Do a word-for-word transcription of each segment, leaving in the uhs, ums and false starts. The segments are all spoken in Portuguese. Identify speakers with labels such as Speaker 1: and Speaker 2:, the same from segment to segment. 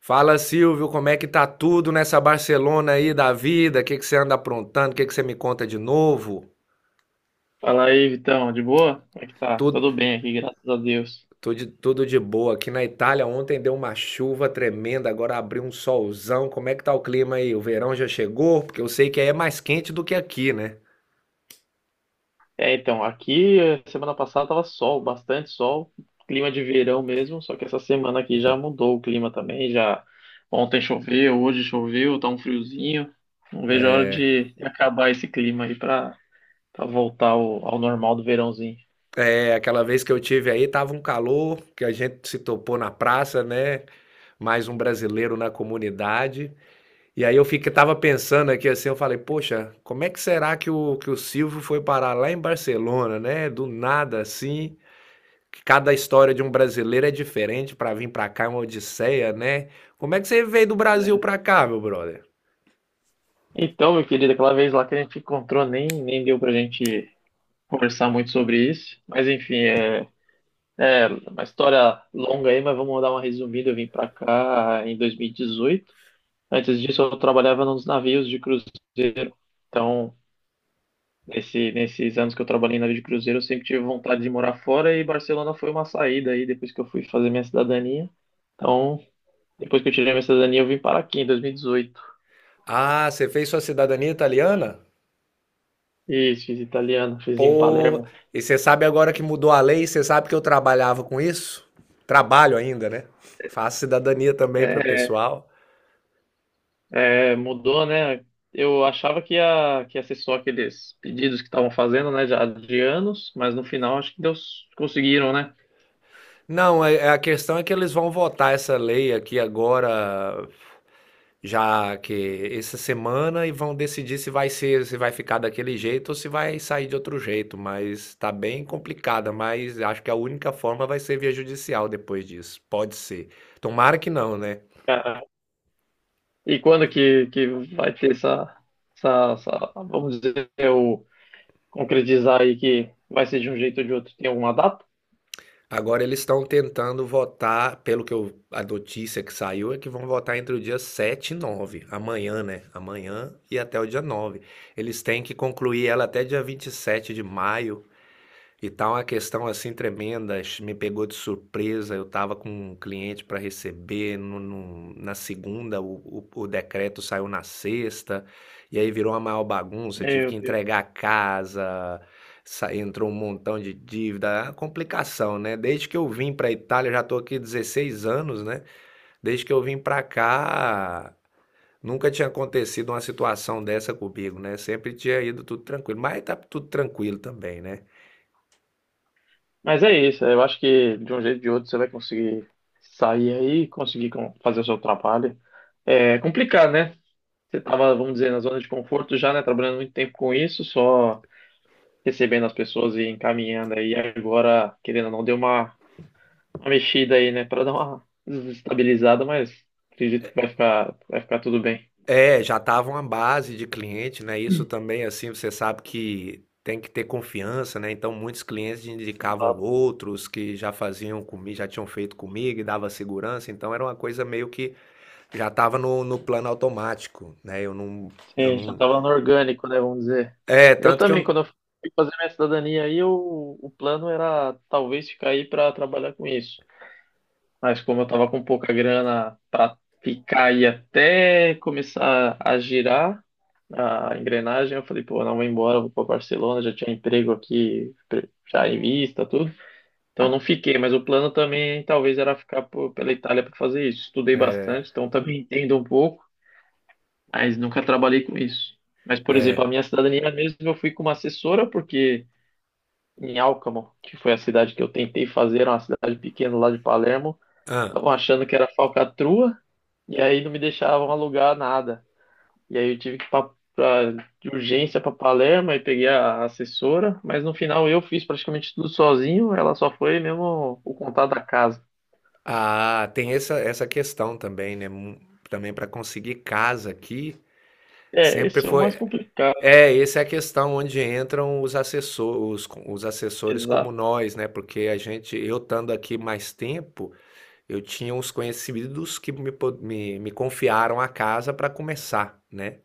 Speaker 1: Fala, Silvio, como é que tá tudo nessa Barcelona aí da vida? O que que você anda aprontando? O que que você me conta de novo?
Speaker 2: Fala aí, Vitão, de boa? Como é que tá?
Speaker 1: Tudo,
Speaker 2: Tudo bem aqui, graças a Deus.
Speaker 1: tudo, tudo de boa. Aqui na Itália ontem deu uma chuva tremenda, agora abriu um solzão. Como é que tá o clima aí? O verão já chegou? Porque eu sei que aí é mais quente do que aqui, né?
Speaker 2: É, então, aqui eh, semana passada tava sol, bastante sol, clima de verão mesmo, só que essa semana aqui já mudou o clima também, já ontem choveu, hoje choveu, tá um friozinho. Não vejo a hora de de acabar esse clima aí, pra, pra voltar ao, ao normal do verãozinho.
Speaker 1: É, aquela vez que eu tive aí tava um calor, que a gente se topou na praça, né? Mais um brasileiro na comunidade. E aí eu fiquei, tava pensando aqui assim, eu falei, poxa, como é que será que o, que o Silvio foi parar lá em Barcelona, né? Do nada assim, que cada história de um brasileiro é diferente pra vir pra cá, é uma odisseia, né? Como é que você veio do Brasil pra cá, meu brother?
Speaker 2: Então, meu querido, aquela vez lá que a gente encontrou, nem, nem deu pra gente conversar muito sobre isso, mas enfim, é. É, uma história longa aí, mas vamos dar uma resumida. Eu vim para cá em dois mil e dezoito. Antes disso, eu trabalhava nos navios de cruzeiro. Então, nesse, nesses anos que eu trabalhei em navio de cruzeiro, eu sempre tive vontade de morar fora e Barcelona foi uma saída aí depois que eu fui fazer minha cidadania. Então, depois que eu tirei minha cidadania, eu vim para aqui em dois mil e dezoito.
Speaker 1: Ah, você fez sua cidadania italiana?
Speaker 2: Isso, fiz italiano, fiz em
Speaker 1: Pô,
Speaker 2: Palermo.
Speaker 1: e você sabe agora que mudou a lei, você sabe que eu trabalhava com isso? Trabalho ainda, né? Faço cidadania também para o
Speaker 2: É,
Speaker 1: pessoal.
Speaker 2: é, mudou, né? Eu achava que ia, que ia, ser só aqueles pedidos que estavam fazendo, né, já de anos, mas no final acho que Deus conseguiram, né?
Speaker 1: Não, é- é- a questão é que eles vão votar essa lei aqui agora, já que essa semana e vão decidir se vai ser, se vai ficar daquele jeito ou se vai sair de outro jeito, mas tá bem complicada, mas acho que a única forma vai ser via judicial depois disso. Pode ser. Tomara que não, né?
Speaker 2: Cara, e quando que, que vai ter essa, essa, essa- vamos dizer, o concretizar aí, que vai ser de um jeito ou de outro? Tem alguma data?
Speaker 1: Agora eles estão tentando votar, pelo que eu, a notícia que saiu é que vão votar entre o dia sete e nove amanhã, né? Amanhã e até o dia nove. Eles têm que concluir ela até dia vinte e sete de maio. E tá uma questão assim tremenda, ch- me pegou de surpresa. Eu estava com um cliente para receber no, no- na segunda, o, o, o decreto saiu na sexta, e aí virou uma maior bagunça. Eu tive
Speaker 2: Meu
Speaker 1: que
Speaker 2: Deus.
Speaker 1: entregar a casa, sa- entrou um montão de dívida, é complicação, né? Desde que eu vim para Itália, eu já estou aqui dezesseis anos, né? Desde que eu vim para cá, nunca tinha acontecido uma situação dessa comigo, né? Sempre tinha ido tudo tranquilo, mas tá tudo tranquilo também, né?
Speaker 2: Mas é isso, eu acho que de um jeito ou de outro você vai conseguir sair aí, conseguir com- fazer o seu trabalho. É complicado, né? Você tava, vamos dizer, na zona de conforto já, né? Trabalhando muito tempo com isso, só recebendo as pessoas e encaminhando aí. Agora, querendo ou não, deu uma, uma, mexida aí, né? Para dar uma desestabilizada, mas acredito que vai ficar, vai ficar tudo bem.
Speaker 1: É, já estava uma base de cliente, né, isso
Speaker 2: Hum.
Speaker 1: também, assim, você sabe que tem que ter confiança, né, então muitos clientes indicavam outros que já faziam comigo, já tinham feito comigo e dava segurança, então era uma coisa meio que já estava no no plano automático, né, eu não eu
Speaker 2: Sim, já
Speaker 1: não
Speaker 2: estava no orgânico, né? Vamos dizer.
Speaker 1: é,
Speaker 2: Eu
Speaker 1: tanto que
Speaker 2: também,
Speaker 1: eu
Speaker 2: quando eu fui fazer minha cidadania aí, o, o plano era talvez ficar aí para trabalhar com isso. Mas como eu estava com pouca grana para ficar aí até começar a girar a engrenagem, eu falei, pô, não vou embora, vou para Barcelona, já tinha emprego aqui, pre- já em vista, tudo. Então eu não fiquei, mas o plano também talvez era ficar por- pela Itália para fazer isso. Estudei
Speaker 1: é,
Speaker 2: bastante, então também entendo um pouco, mas nunca trabalhei com isso. Mas, por exemplo, a
Speaker 1: é.
Speaker 2: minha cidadania mesmo eu fui com uma assessora, porque em Alcamo, que foi a cidade que eu tentei fazer, era uma cidade pequena lá de Palermo,
Speaker 1: Ah.
Speaker 2: estavam achando que era falcatrua, e aí não me deixavam alugar nada. E aí eu tive que ir pra, pra- de urgência para Palermo, e peguei a assessora, mas no final eu fiz praticamente tudo sozinho, ela só foi mesmo o contato da casa.
Speaker 1: Ah, tem essa essa questão também, né, mu também para conseguir casa aqui,
Speaker 2: É,
Speaker 1: sempre
Speaker 2: esse é o mais
Speaker 1: foi.
Speaker 2: complicado,
Speaker 1: É, essa é a questão onde entram os assessor os co- os assessores como
Speaker 2: exato.
Speaker 1: nós, né, porque a gente eu estando aqui mais tempo, eu tinha uns conhecidos que me po me me confiaram a casa para começar, né,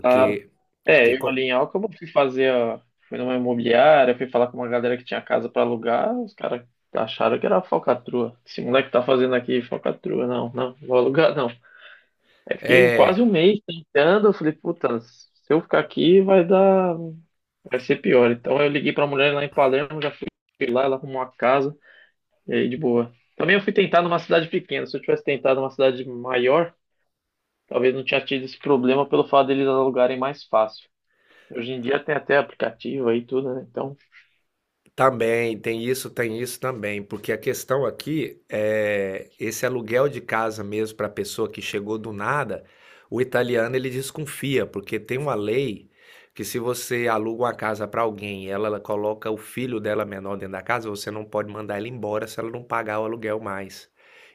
Speaker 2: Claro.
Speaker 1: porque
Speaker 2: É, eu ali
Speaker 1: co
Speaker 2: em Alcântara fui fazer a... Fui numa imobiliária, fui falar com uma galera que tinha casa pra alugar, os caras acharam que era falcatrua. Esse moleque tá fazendo aqui falcatrua, não, não, vou alugar não. Aí fiquei
Speaker 1: é.
Speaker 2: quase um mês tentando, eu falei, puta, se eu ficar aqui vai dar, vai ser pior. Então eu liguei pra mulher lá em Palermo, já fui lá, ela arrumou uma casa, e aí de boa. Também eu fui tentar numa cidade pequena, se eu tivesse tentado numa cidade maior, talvez não tinha tido esse problema pelo fato deles alugarem mais fácil. Hoje em dia tem até aplicativo aí e tudo, né? Então,
Speaker 1: Também, tem isso, tem isso também, porque a questão aqui é esse aluguel de casa mesmo para a pessoa que chegou do nada, o italiano ele desconfia, porque tem uma lei que se você aluga uma casa para alguém e ela, ela coloca o filho dela menor dentro da casa, você não pode mandar ela embora se ela não pagar o aluguel mais.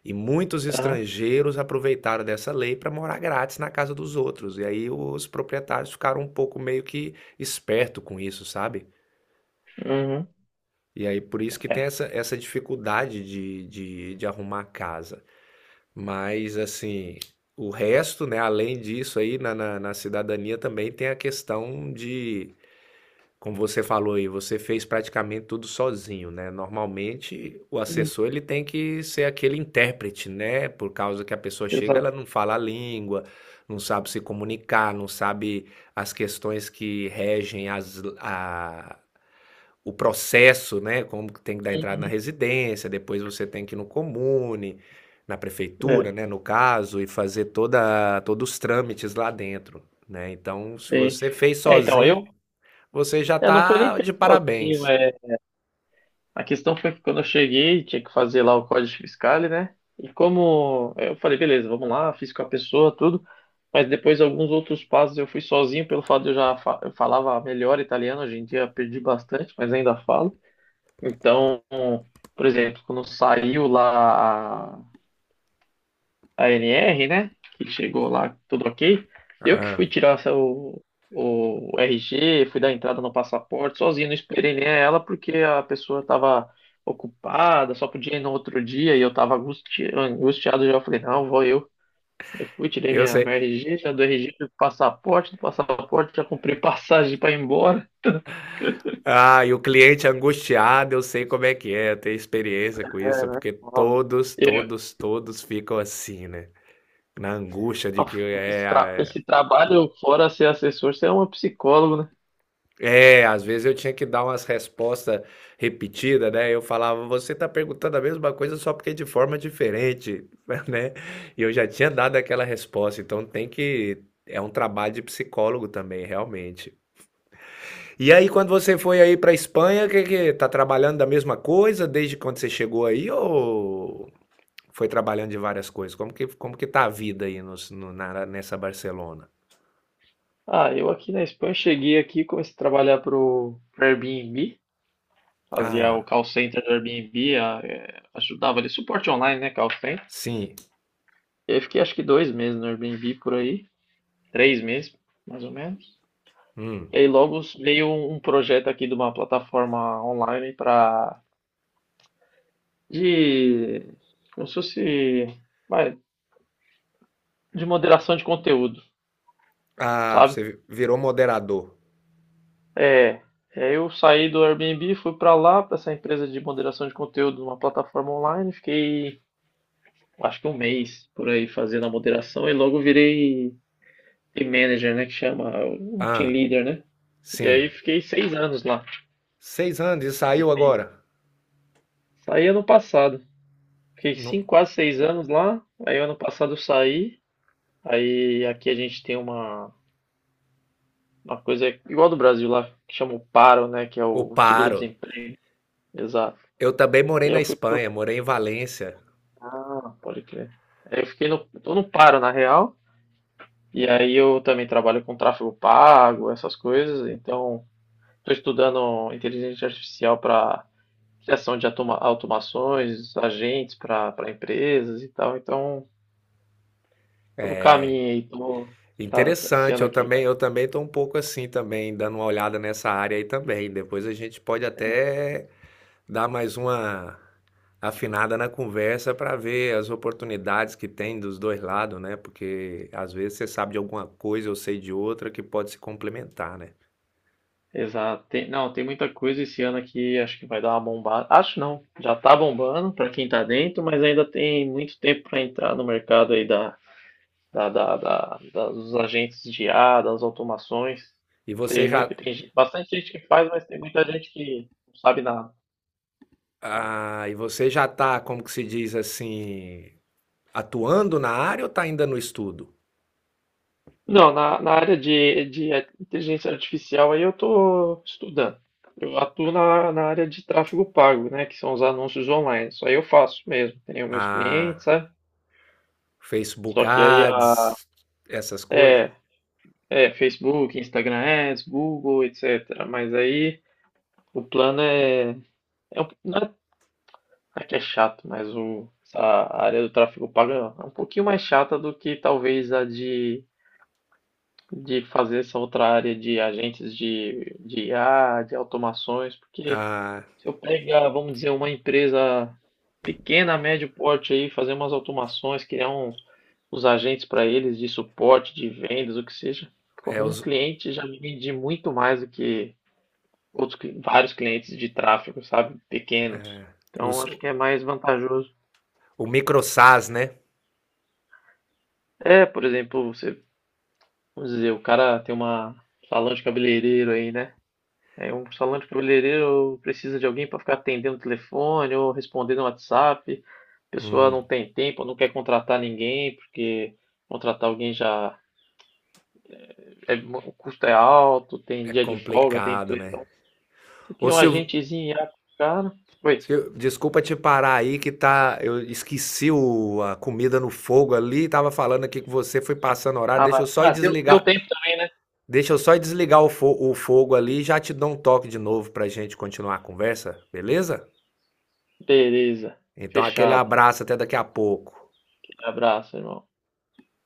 Speaker 1: E muitos
Speaker 2: aham,
Speaker 1: estrangeiros aproveitaram dessa lei para morar grátis na casa dos outros, e aí os proprietários ficaram um pouco meio que esperto com isso, sabe?
Speaker 2: uhum,
Speaker 1: E aí, por isso que
Speaker 2: é.
Speaker 1: tem essa, essa dificuldade de, de, de arrumar casa. Mas, assim, o resto, né, além disso aí, na, na, na cidadania também tem a questão de, como você falou aí, você fez praticamente tudo sozinho, né? Normalmente, o
Speaker 2: Hum,
Speaker 1: assessor, ele tem que ser aquele intérprete, né? Por causa que a pessoa chega,
Speaker 2: exato.
Speaker 1: ela não fala a língua, não sabe se comunicar, não sabe as questões que regem as, a, o processo, né? Como que tem que dar entrada na
Speaker 2: Uhum,
Speaker 1: residência, depois você tem que ir no comune, na prefeitura,
Speaker 2: é,
Speaker 1: né? No caso, e fazer toda, todos os trâmites lá dentro, né? Então, se
Speaker 2: sim.
Speaker 1: você fez
Speaker 2: É, então, eu,
Speaker 1: sozinho, você já
Speaker 2: é, não foi nem
Speaker 1: tá de
Speaker 2: feito sozinho,
Speaker 1: parabéns.
Speaker 2: é. A questão foi que quando eu cheguei, tinha que fazer lá o Código fiscal, né? E como eu falei, beleza, vamos lá, fiz com a pessoa, tudo. Mas depois alguns outros passos eu fui sozinho, pelo fato de eu já fa- eu falava melhor italiano, hoje em dia perdi bastante, mas ainda falo. Então, por exemplo, quando saiu lá a N R, né? Que chegou lá tudo ok. Eu que
Speaker 1: Ah,
Speaker 2: fui tirar essa- o, o R G, fui dar entrada no passaporte sozinho, não esperei nem ela porque a pessoa estava ocupada, só podia ir no outro dia e eu estava angustiado já. Eu falei, não, vou eu. Eu fui, tirei
Speaker 1: eu
Speaker 2: minha,
Speaker 1: sei.
Speaker 2: minha R G, já do R G, fui pro passaporte, do passaporte já comprei passagem para ir embora.
Speaker 1: Ah, e o cliente angustiado, eu sei como é que é, eu tenho experiência com
Speaker 2: É,
Speaker 1: isso,
Speaker 2: né?
Speaker 1: porque
Speaker 2: Ó,
Speaker 1: todos,
Speaker 2: eu-
Speaker 1: todos, todos ficam assim, né? Na angústia de
Speaker 2: ó,
Speaker 1: que
Speaker 2: esse, tra-
Speaker 1: é.
Speaker 2: esse trabalho, fora ser assessor, você é um psicólogo, né?
Speaker 1: É, às vezes eu tinha que dar umas respostas repetidas, né? Eu falava, você tá perguntando a mesma coisa só porque de forma diferente, né? E eu já tinha dado aquela resposta, então tem que. É um trabalho de psicólogo também, realmente. E aí, quando você foi aí pra Espanha, que que tá trabalhando da mesma coisa desde quando você chegou aí ou foi trabalhando de várias coisas? Como que, como que tá a vida aí nos- no, na- nessa Barcelona?
Speaker 2: Ah, eu aqui na Espanha cheguei aqui, comecei a trabalhar pro pro Airbnb, fazia o
Speaker 1: Ah,
Speaker 2: call center do Airbnb, a- é, ajudava ali, suporte online, né, call center.
Speaker 1: sim.
Speaker 2: E aí fiquei acho que dois meses no Airbnb por aí, três meses, mais ou menos.
Speaker 1: Hum.
Speaker 2: E aí logo veio um um projeto aqui de uma plataforma online para, de, como se fosse, vai, de moderação de conteúdo,
Speaker 1: Ah,
Speaker 2: sabe?
Speaker 1: você virou moderador.
Speaker 2: É, é, eu saí do Airbnb, fui para lá, para essa empresa de moderação de conteúdo numa plataforma online, fiquei acho que um mês por aí fazendo a moderação e logo virei team manager, né, que chama, um team
Speaker 1: Ah,
Speaker 2: leader, né? E aí
Speaker 1: sim.
Speaker 2: fiquei seis anos lá.
Speaker 1: Seis anos e saiu
Speaker 2: Fiquei seis-
Speaker 1: agora?
Speaker 2: Saí ano passado. Fiquei
Speaker 1: Não,
Speaker 2: cinco, quase seis anos lá. Aí ano passado eu saí. Aí aqui a gente tem uma, uma coisa igual do Brasil lá, que chama o PARO, né, que é
Speaker 1: eu
Speaker 2: o
Speaker 1: paro.
Speaker 2: seguro-desemprego. Exato.
Speaker 1: Eu também morei
Speaker 2: E aí
Speaker 1: na
Speaker 2: eu fui pro...
Speaker 1: Espanha, morei em Valência.
Speaker 2: Ah, pode crer. Aí eu fiquei no... Tô no PARO, na real. E aí eu também trabalho com tráfego pago, essas coisas. Então... Estou estudando inteligência artificial para criação de automa- automações, agentes para para empresas e tal. Então, estou no caminho aí. Tô, tá, tá- esse
Speaker 1: Interessante,
Speaker 2: ano
Speaker 1: eu
Speaker 2: aqui
Speaker 1: também,
Speaker 2: vai.
Speaker 1: eu também tô um pouco assim também, dando uma olhada nessa área aí também. Depois a gente pode até dar mais uma afinada na conversa para ver as oportunidades que tem dos dois lados, né? Porque às vezes você sabe de alguma coisa, eu sei de outra que pode se complementar, né?
Speaker 2: Exato. Tem- não, tem muita coisa esse ano aqui. Acho que vai dar uma bombada. Acho não. Já está bombando para quem está dentro, mas ainda tem muito tempo para entrar no mercado aí da, da, da, da- da- dos agentes de I A, das automações.
Speaker 1: E você
Speaker 2: Tem muito,
Speaker 1: já,
Speaker 2: tem gente- bastante gente que faz, mas tem muita gente que não sabe nada.
Speaker 1: ah, e você já tá, como que se diz assim, atuando na área ou tá ainda no estudo?
Speaker 2: Não, na, na área de, de inteligência artificial aí eu estou estudando. Eu atuo na, na área de tráfego pago, né? Que são os anúncios online. Isso aí eu faço mesmo. Tenho meus
Speaker 1: Ah,
Speaker 2: clientes, sabe?
Speaker 1: Facebook
Speaker 2: Só que aí a,
Speaker 1: Ads, essas coisas.
Speaker 2: é, é Facebook, Instagram Ads, Google, et cetera. Mas aí o plano é, é, um- não é, não é que é chato, mas o, essa área do tráfego pago é um pouquinho mais chata do que talvez a de de fazer essa outra área de agentes de, de I A, de automações, porque
Speaker 1: Ah,
Speaker 2: se eu pegar, vamos dizer, uma empresa pequena, médio porte aí, fazer umas automações, criar uns, os agentes para eles de suporte, de vendas, o que seja, pô,
Speaker 1: é
Speaker 2: um
Speaker 1: os,
Speaker 2: cliente já me vende muito mais do que outros cli- vários clientes de tráfego, sabe? Pequenos. Então,
Speaker 1: os,
Speaker 2: acho
Speaker 1: o
Speaker 2: que é mais vantajoso.
Speaker 1: microsas, né?
Speaker 2: É, por exemplo, você, vamos dizer, o cara tem uma salão de cabeleireiro aí, né? É, um salão de cabeleireiro precisa de alguém para ficar atendendo o telefone ou respondendo o WhatsApp. A pessoa
Speaker 1: Hum,
Speaker 2: não tem tempo, não quer contratar ninguém, porque contratar alguém já é, o custo é alto, tem
Speaker 1: é
Speaker 2: dia de folga, tem
Speaker 1: complicado,
Speaker 2: tudo.
Speaker 1: né?
Speaker 2: Então, você
Speaker 1: Ô
Speaker 2: cria um
Speaker 1: Silvio,
Speaker 2: agentezinho lá com o cara. Oi.
Speaker 1: Sil- desculpa te parar aí que tá, eu esqueci o- a comida no fogo ali, tava falando aqui que você foi passando horário,
Speaker 2: Ah,
Speaker 1: deixa
Speaker 2: vai.
Speaker 1: eu só ir
Speaker 2: Ah, deu, deu
Speaker 1: desligar,
Speaker 2: tempo também, né?
Speaker 1: deixa eu só ir desligar o, fo- o fogo ali e já te dou um toque de novo pra gente continuar a conversa, beleza?
Speaker 2: Beleza.
Speaker 1: Então aquele
Speaker 2: Fechado.
Speaker 1: abraço até daqui a pouco.
Speaker 2: Abraço, irmão.